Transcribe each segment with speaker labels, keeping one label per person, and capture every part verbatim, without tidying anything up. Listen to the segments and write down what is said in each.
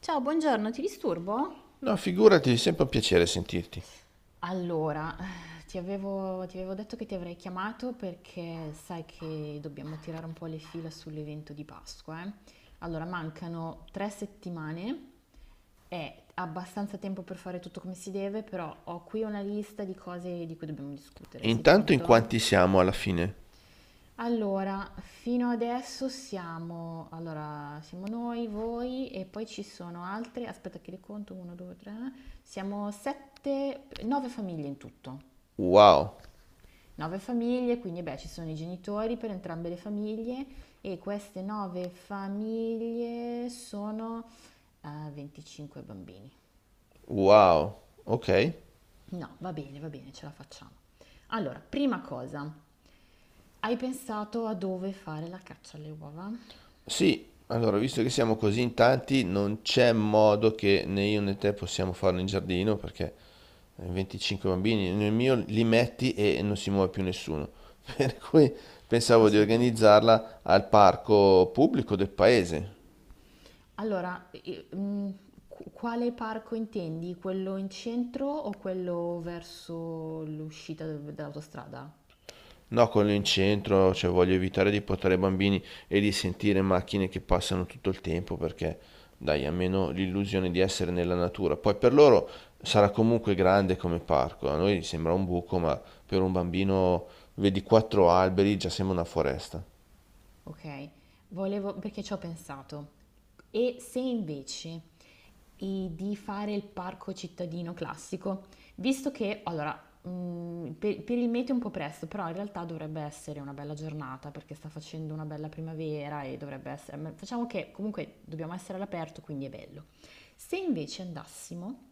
Speaker 1: Ciao, buongiorno, ti disturbo?
Speaker 2: No, figurati, è sempre un piacere sentirti.
Speaker 1: Allora, eh, ti avevo, ti avevo detto che ti avrei chiamato perché sai che dobbiamo tirare un po' le fila sull'evento di Pasqua, eh. Allora, mancano tre settimane, è abbastanza tempo per fare tutto come si deve, però ho qui una lista di cose di cui dobbiamo
Speaker 2: E
Speaker 1: discutere. Sei
Speaker 2: intanto in
Speaker 1: pronto?
Speaker 2: quanti siamo alla fine?
Speaker 1: Allora, fino adesso siamo, allora, siamo noi, voi e poi ci sono altre, aspetta che li conto, uno, due, tre, siamo sette, nove famiglie in tutto.
Speaker 2: Wow,
Speaker 1: nove famiglie, quindi beh, ci sono i genitori per entrambe le famiglie e queste nove famiglie sono eh, venticinque bambini.
Speaker 2: wow, ok.
Speaker 1: No, va bene, va bene, ce la facciamo. Allora, prima cosa, hai pensato a dove fare la caccia alle uova?
Speaker 2: Sì, allora, visto che siamo così in tanti, non c'è modo che né io né te possiamo farlo in giardino, perché venticinque bambini, nel mio li metti e non si muove più nessuno. Per cui pensavo di
Speaker 1: Assolutamente.
Speaker 2: organizzarla al parco pubblico del paese.
Speaker 1: Allora, eh, mm, qu- quale parco intendi? Quello in centro o quello verso l'uscita dall'autostrada?
Speaker 2: No, quello in centro, cioè voglio evitare di portare i bambini e di sentire macchine che passano tutto il tempo perché dai, almeno l'illusione di essere nella natura. Poi per loro sarà comunque grande come parco, a noi sembra un buco, ma per un bambino vedi quattro alberi, già sembra una foresta.
Speaker 1: Ok, volevo perché ci ho pensato. E se invece i- di fare il parco cittadino classico, visto che allora mh, per, per il meteo è un po' presto, però in realtà dovrebbe essere una bella giornata perché sta facendo una bella primavera e dovrebbe essere, ma facciamo che comunque dobbiamo essere all'aperto, quindi è bello. Se invece andassimo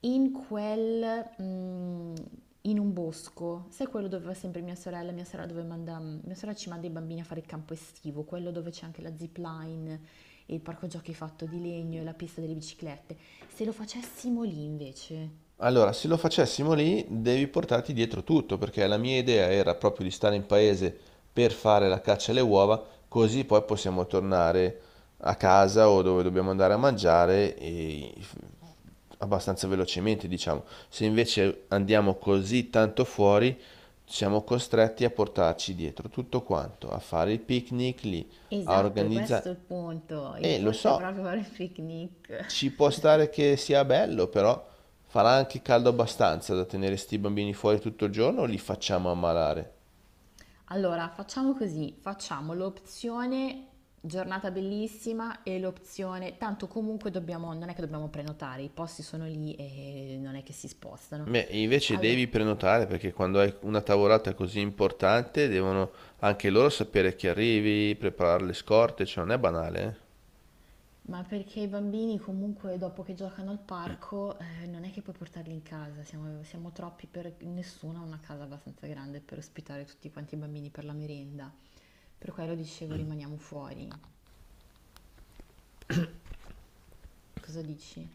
Speaker 1: in quel, mhmm, in un bosco, sai quello dove va sempre mia sorella, mia sorella dove manda mia sorella ci manda i bambini a fare il campo estivo, quello dove c'è anche la zip line e il parco giochi fatto di legno e la pista delle biciclette. Se lo facessimo lì invece.
Speaker 2: Allora, se lo facessimo lì, devi portarti dietro tutto, perché la mia idea era proprio di stare in paese per fare la caccia alle uova, così poi possiamo tornare a casa o dove dobbiamo andare a mangiare e abbastanza velocemente, diciamo. Se invece andiamo così tanto fuori, siamo costretti a portarci dietro tutto quanto, a fare il picnic lì, a
Speaker 1: Esatto, e questo è
Speaker 2: organizzare...
Speaker 1: il punto. Il
Speaker 2: E lo
Speaker 1: punto è
Speaker 2: so,
Speaker 1: proprio fare il picnic.
Speaker 2: ci può stare che sia bello, però farà anche caldo abbastanza da tenere sti bambini fuori tutto il giorno o li facciamo ammalare?
Speaker 1: Allora, facciamo così, facciamo l'opzione giornata bellissima e l'opzione, tanto comunque dobbiamo, non è che dobbiamo prenotare, i posti sono lì e non è che si spostano.
Speaker 2: Beh, invece
Speaker 1: Allora,
Speaker 2: devi prenotare perché quando hai una tavolata così importante devono anche loro sapere che arrivi, preparare le scorte, cioè non è banale, eh?
Speaker 1: ma perché i bambini comunque dopo che giocano al parco, eh, non è che puoi portarli in casa, siamo, siamo troppi per nessuno, ha una casa abbastanza grande per ospitare tutti quanti i bambini per la merenda. Per quello dicevo rimaniamo fuori. Cosa dici?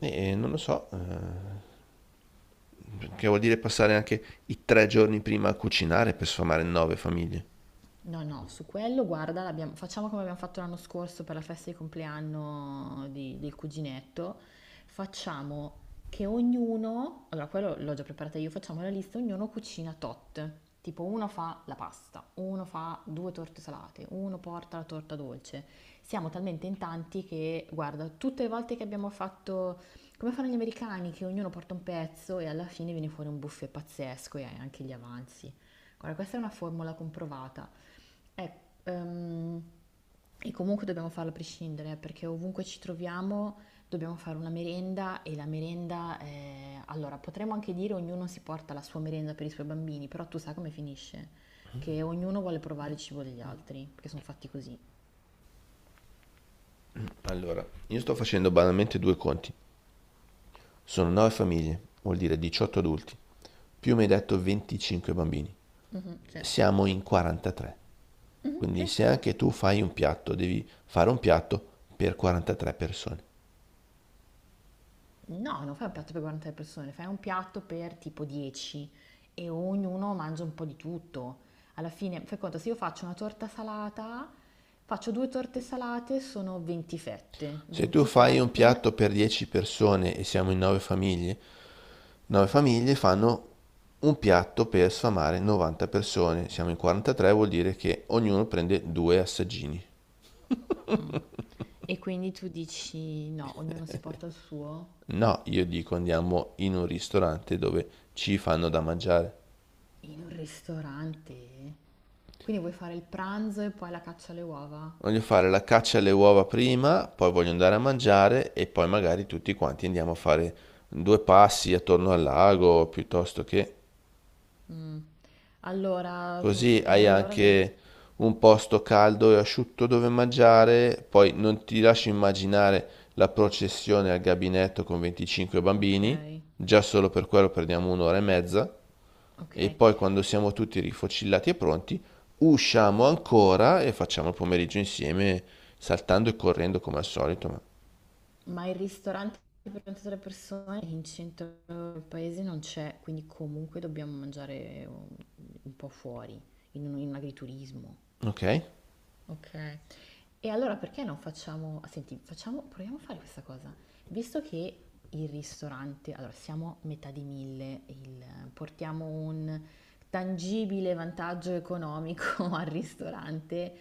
Speaker 2: E non lo so, eh, che vuol dire passare anche i tre giorni prima a cucinare per sfamare nove famiglie.
Speaker 1: No, no, su quello guarda, l'abbiamo- facciamo come abbiamo fatto l'anno scorso per la festa di compleanno di- del cuginetto. Facciamo che ognuno, allora quello l'ho già preparata io, facciamo la lista, ognuno cucina tot. Tipo uno fa la pasta, uno fa due torte salate, uno porta la torta dolce. Siamo talmente in tanti che, guarda, tutte le volte che abbiamo fatto, come fanno gli americani, che ognuno porta un pezzo e alla fine viene fuori un buffet pazzesco e hai anche gli avanzi. Guarda, questa è una formula comprovata. Eh, ehm, e comunque dobbiamo farlo a prescindere, eh, perché ovunque ci troviamo dobbiamo fare una merenda e la merenda, eh, allora potremmo anche dire ognuno si porta la sua merenda per i suoi bambini, però tu sai come finisce, che ognuno vuole provare il cibo degli altri, perché sono fatti così.
Speaker 2: Allora, io sto facendo banalmente due conti. Sono nove famiglie, vuol dire diciotto adulti, più mi hai detto venticinque bambini.
Speaker 1: Mhm, sì.
Speaker 2: Siamo in quarantatré.
Speaker 1: Mhm,
Speaker 2: Quindi
Speaker 1: sì.
Speaker 2: se anche tu fai un piatto, devi fare un piatto per quarantatré persone.
Speaker 1: No, non fai un piatto per quaranta persone, fai un piatto per tipo dieci e ognuno mangia un po' di tutto. Alla fine, fai conto, se io faccio una torta salata, faccio due torte salate, sono venti fette.
Speaker 2: Se tu
Speaker 1: venti
Speaker 2: fai un
Speaker 1: fette,
Speaker 2: piatto per dieci persone e siamo in nove famiglie, nove famiglie fanno un piatto per sfamare novanta persone. Siamo in quarantatré, vuol dire che ognuno prende due assaggini.
Speaker 1: mm. e quindi tu dici no, ognuno si porta il suo
Speaker 2: No, io dico andiamo in un ristorante dove ci fanno da mangiare.
Speaker 1: in un ristorante. Quindi vuoi fare il pranzo e poi la caccia alle uova?
Speaker 2: Voglio fare la caccia alle uova prima, poi voglio andare a mangiare e poi magari tutti quanti andiamo a fare due passi attorno al lago piuttosto che...
Speaker 1: Mm. Allora,
Speaker 2: Così
Speaker 1: e
Speaker 2: hai
Speaker 1: allora vedi.
Speaker 2: anche un posto caldo e asciutto dove mangiare, poi non ti lascio immaginare la processione al gabinetto con venticinque
Speaker 1: Ok,
Speaker 2: bambini, già solo per quello perdiamo un'ora e mezza, e
Speaker 1: ok.
Speaker 2: poi quando siamo tutti rifocillati e pronti, usciamo ancora e facciamo il pomeriggio insieme, saltando e correndo come al solito, ma-
Speaker 1: Ma il ristorante per ventitré persone in centro al paese non c'è, quindi comunque dobbiamo mangiare un, un po' fuori, in un, in un agriturismo.
Speaker 2: Ok?
Speaker 1: Ok. E allora perché non facciamo, senti, facciamo, proviamo a fare questa cosa. Visto che il ristorante, allora siamo a metà di mille, il- portiamo un tangibile vantaggio economico al ristorante,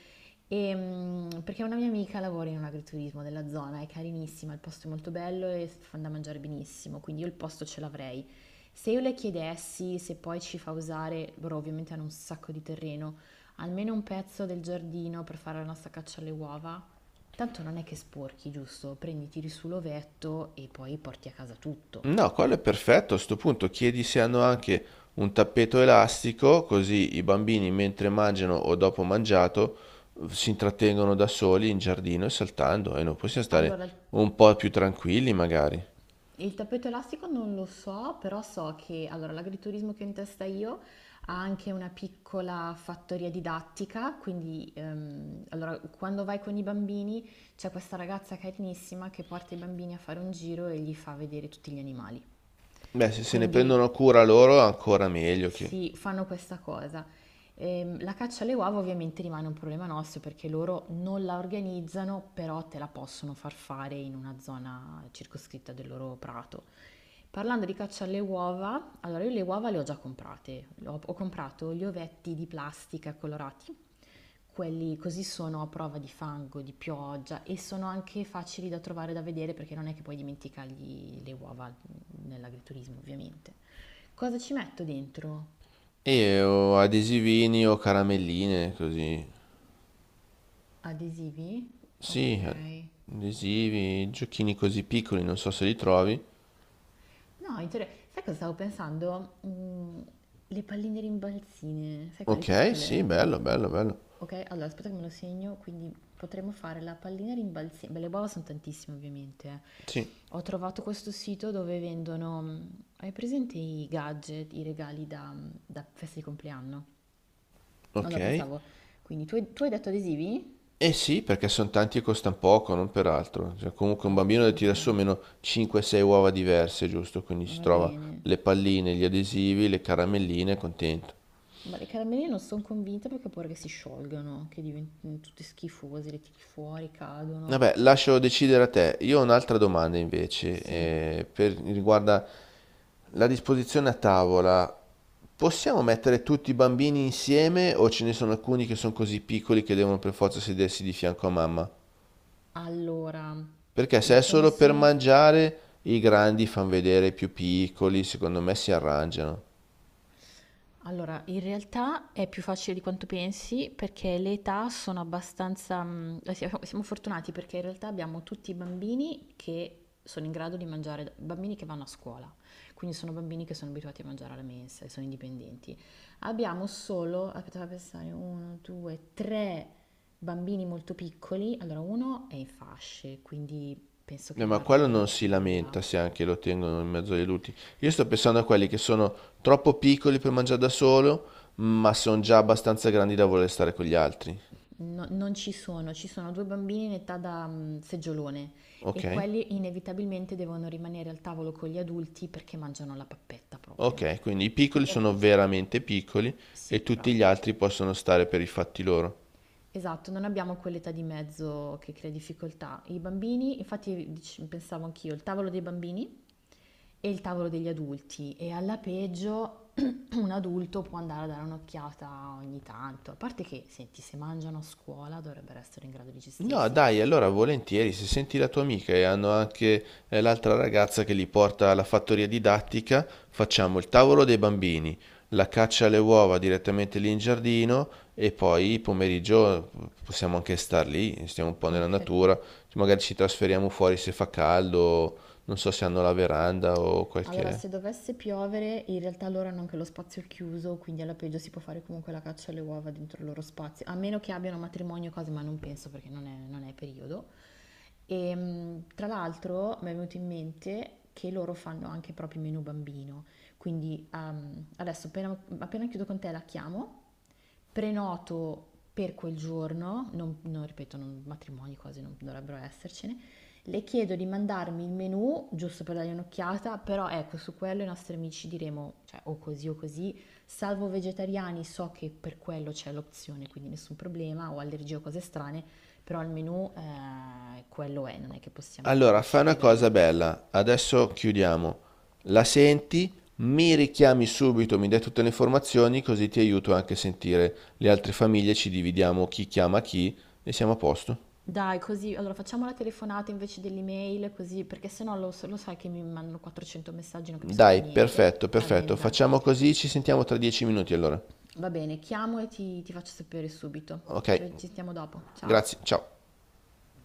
Speaker 1: e, mm, perché una mia amica lavora in un agriturismo della zona, è carinissima, il posto è molto bello e fanno da mangiare benissimo, quindi io il posto ce l'avrei. Se io le chiedessi se poi ci fa usare, loro ovviamente hanno un sacco di terreno, almeno un pezzo del giardino per fare la nostra caccia alle uova? Tanto non è che sporchi, giusto? Prendi, tiri su l'ovetto e poi porti a casa tutto.
Speaker 2: No, quello è perfetto. A sto punto chiedi se hanno anche un tappeto elastico, così i bambini mentre mangiano o dopo mangiato eh, si intrattengono da soli in giardino e saltando e noi possiamo stare
Speaker 1: Allora,
Speaker 2: un po' più tranquilli magari.
Speaker 1: il tappeto elastico non lo so, però so che allora, l'agriturismo che ho in testa io ha anche una piccola fattoria didattica, quindi ehm, allora, quando vai con i bambini c'è questa ragazza carinissima che porta i bambini a fare un giro e gli fa vedere tutti gli animali.
Speaker 2: Beh, se se ne
Speaker 1: Quindi
Speaker 2: prendono cura loro ancora meglio che...
Speaker 1: sì, fanno questa cosa. Ehm, la caccia alle uova ovviamente rimane un problema nostro perché loro non la organizzano, però te la possono far fare in una zona circoscritta del loro prato. Parlando di caccia alle uova, allora io le uova le ho già comprate. Ho, ho comprato gli ovetti di plastica colorati, quelli così sono a prova di fango, di pioggia e sono anche facili da trovare da vedere perché non è che puoi dimenticargli le uova nell'agriturismo, ovviamente. Cosa ci metto dentro?
Speaker 2: E o adesivini o caramelline, così.
Speaker 1: Adesivi? Ok.
Speaker 2: Sì, adesivi, giochini così piccoli, non so se li trovi.
Speaker 1: No, inter- sai cosa stavo pensando? Mm, le palline rimbalzine, sai quelle
Speaker 2: Ok, sì,
Speaker 1: piccole?
Speaker 2: bello, bello, bello.
Speaker 1: Ok, allora aspetta che me lo segno, quindi potremmo fare la pallina rimbalzina. Beh, le uova sono tantissime ovviamente. Eh.
Speaker 2: Sì,
Speaker 1: Ho trovato questo sito dove vendono, mm, hai presente i gadget, i regali da, da festa di compleanno? Allora
Speaker 2: ok.
Speaker 1: pensavo, quindi tu hai, tu hai detto adesivi?
Speaker 2: Eh sì, perché sono tanti e costano poco, non per altro. Cioè, comunque un
Speaker 1: Ah, ok,
Speaker 2: bambino deve
Speaker 1: ok,
Speaker 2: tirare su almeno cinque o sei uova diverse, giusto? Quindi si
Speaker 1: va
Speaker 2: trova
Speaker 1: bene.
Speaker 2: le palline, gli adesivi, le caramelline, è contento.
Speaker 1: Ma le caramelle non sono convinta perché ho paura che si sciolgano, che diventino tutte schifose, le tiri fuori, cadono.
Speaker 2: Vabbè, lascio decidere a te. Io ho un'altra domanda invece,
Speaker 1: Sì,
Speaker 2: eh, per, riguarda la disposizione a tavola. Possiamo mettere tutti i bambini insieme o ce ne sono alcuni che sono così piccoli che devono per forza sedersi di fianco a mamma?
Speaker 1: allora,
Speaker 2: Perché se è
Speaker 1: ce ne
Speaker 2: solo per
Speaker 1: sono.
Speaker 2: mangiare, i grandi fan vedere i più piccoli, secondo me si arrangiano.
Speaker 1: Allora, in realtà è più facile di quanto pensi perché le età sono abbastanza... mm, eh, Siamo siamo fortunati perché in realtà abbiamo tutti i bambini che sono in grado di mangiare, bambini che vanno a scuola, quindi sono bambini che sono abituati a mangiare alla mensa e sono indipendenti. Abbiamo solo, aspetta, fammi pensare, uno, due, tre bambini molto piccoli. Allora, uno è in fasce, quindi penso
Speaker 2: Eh,
Speaker 1: che
Speaker 2: ma
Speaker 1: rimarrà
Speaker 2: quello
Speaker 1: nella
Speaker 2: non si
Speaker 1: culla.
Speaker 2: lamenta se anche lo tengono in mezzo ai luti. Io sto pensando a quelli che sono troppo piccoli per mangiare da solo, ma sono già abbastanza grandi da voler stare con gli altri.
Speaker 1: No- non ci sono, ci sono due bambini in età da mm, seggiolone e
Speaker 2: Ok?
Speaker 1: quelli inevitabilmente devono rimanere al tavolo con gli adulti perché mangiano la pappetta proprio.
Speaker 2: Ok, quindi i piccoli
Speaker 1: Quindi ab-
Speaker 2: sono veramente piccoli
Speaker 1: sì,
Speaker 2: e tutti gli
Speaker 1: bravo.
Speaker 2: altri possono stare per i fatti loro.
Speaker 1: Esatto, non abbiamo quell'età di mezzo che crea difficoltà. I bambini, infatti dic- pensavo anch'io, il tavolo dei bambini e il tavolo degli adulti e alla peggio un adulto può andare a dare un'occhiata ogni tanto, a parte che, senti, se mangiano a scuola dovrebbero essere in grado di
Speaker 2: No,
Speaker 1: gestirsi.
Speaker 2: dai, allora volentieri, se senti la tua amica e hanno anche eh, l'altra ragazza che li porta alla fattoria didattica, facciamo il tavolo dei bambini, la caccia alle uova direttamente lì in giardino e poi pomeriggio possiamo anche star lì, stiamo un po' nella
Speaker 1: Ok.
Speaker 2: natura, magari ci trasferiamo fuori se fa caldo, non so se hanno la veranda o
Speaker 1: Allora,
Speaker 2: qualche...
Speaker 1: se dovesse piovere, in realtà loro hanno anche lo spazio chiuso, quindi alla peggio si può fare comunque la caccia alle uova dentro il loro spazio, a meno che abbiano matrimonio e cose, ma non penso perché non è, non è periodo. E mh, tra l'altro mi è venuto in mente che loro fanno anche proprio il menù bambino, quindi ehm, adesso appena, appena chiudo con te la chiamo, prenoto per quel giorno, non, non- ripeto, non- matrimoni quasi non dovrebbero essercene, le chiedo di mandarmi il menù, giusto per dargli un'occhiata, però ecco, su quello i nostri amici diremo, cioè o così o così, salvo vegetariani, so che per quello c'è l'opzione, quindi nessun problema, o allergie o cose strane, però il menù eh, quello è, non è che possiamo
Speaker 2: Allora, fai una
Speaker 1: decidere grandi.
Speaker 2: cosa bella, adesso chiudiamo. La senti, mi richiami subito, mi dai tutte le informazioni, così ti aiuto anche a sentire le altre famiglie, ci dividiamo chi chiama chi e siamo a posto.
Speaker 1: Dai, così, allora facciamo la telefonata invece dell'email, così, perché sennò lo, so, lo sai che mi mandano quattrocento messaggi, non capisco
Speaker 2: Dai,
Speaker 1: più niente.
Speaker 2: perfetto,
Speaker 1: Va bene,
Speaker 2: perfetto.
Speaker 1: dai.
Speaker 2: Facciamo così, ci sentiamo tra dieci minuti allora.
Speaker 1: Va bene, chiamo e ti, ti faccio sapere subito.
Speaker 2: Ok,
Speaker 1: Ci ci sentiamo dopo. Ciao.
Speaker 2: grazie, ciao.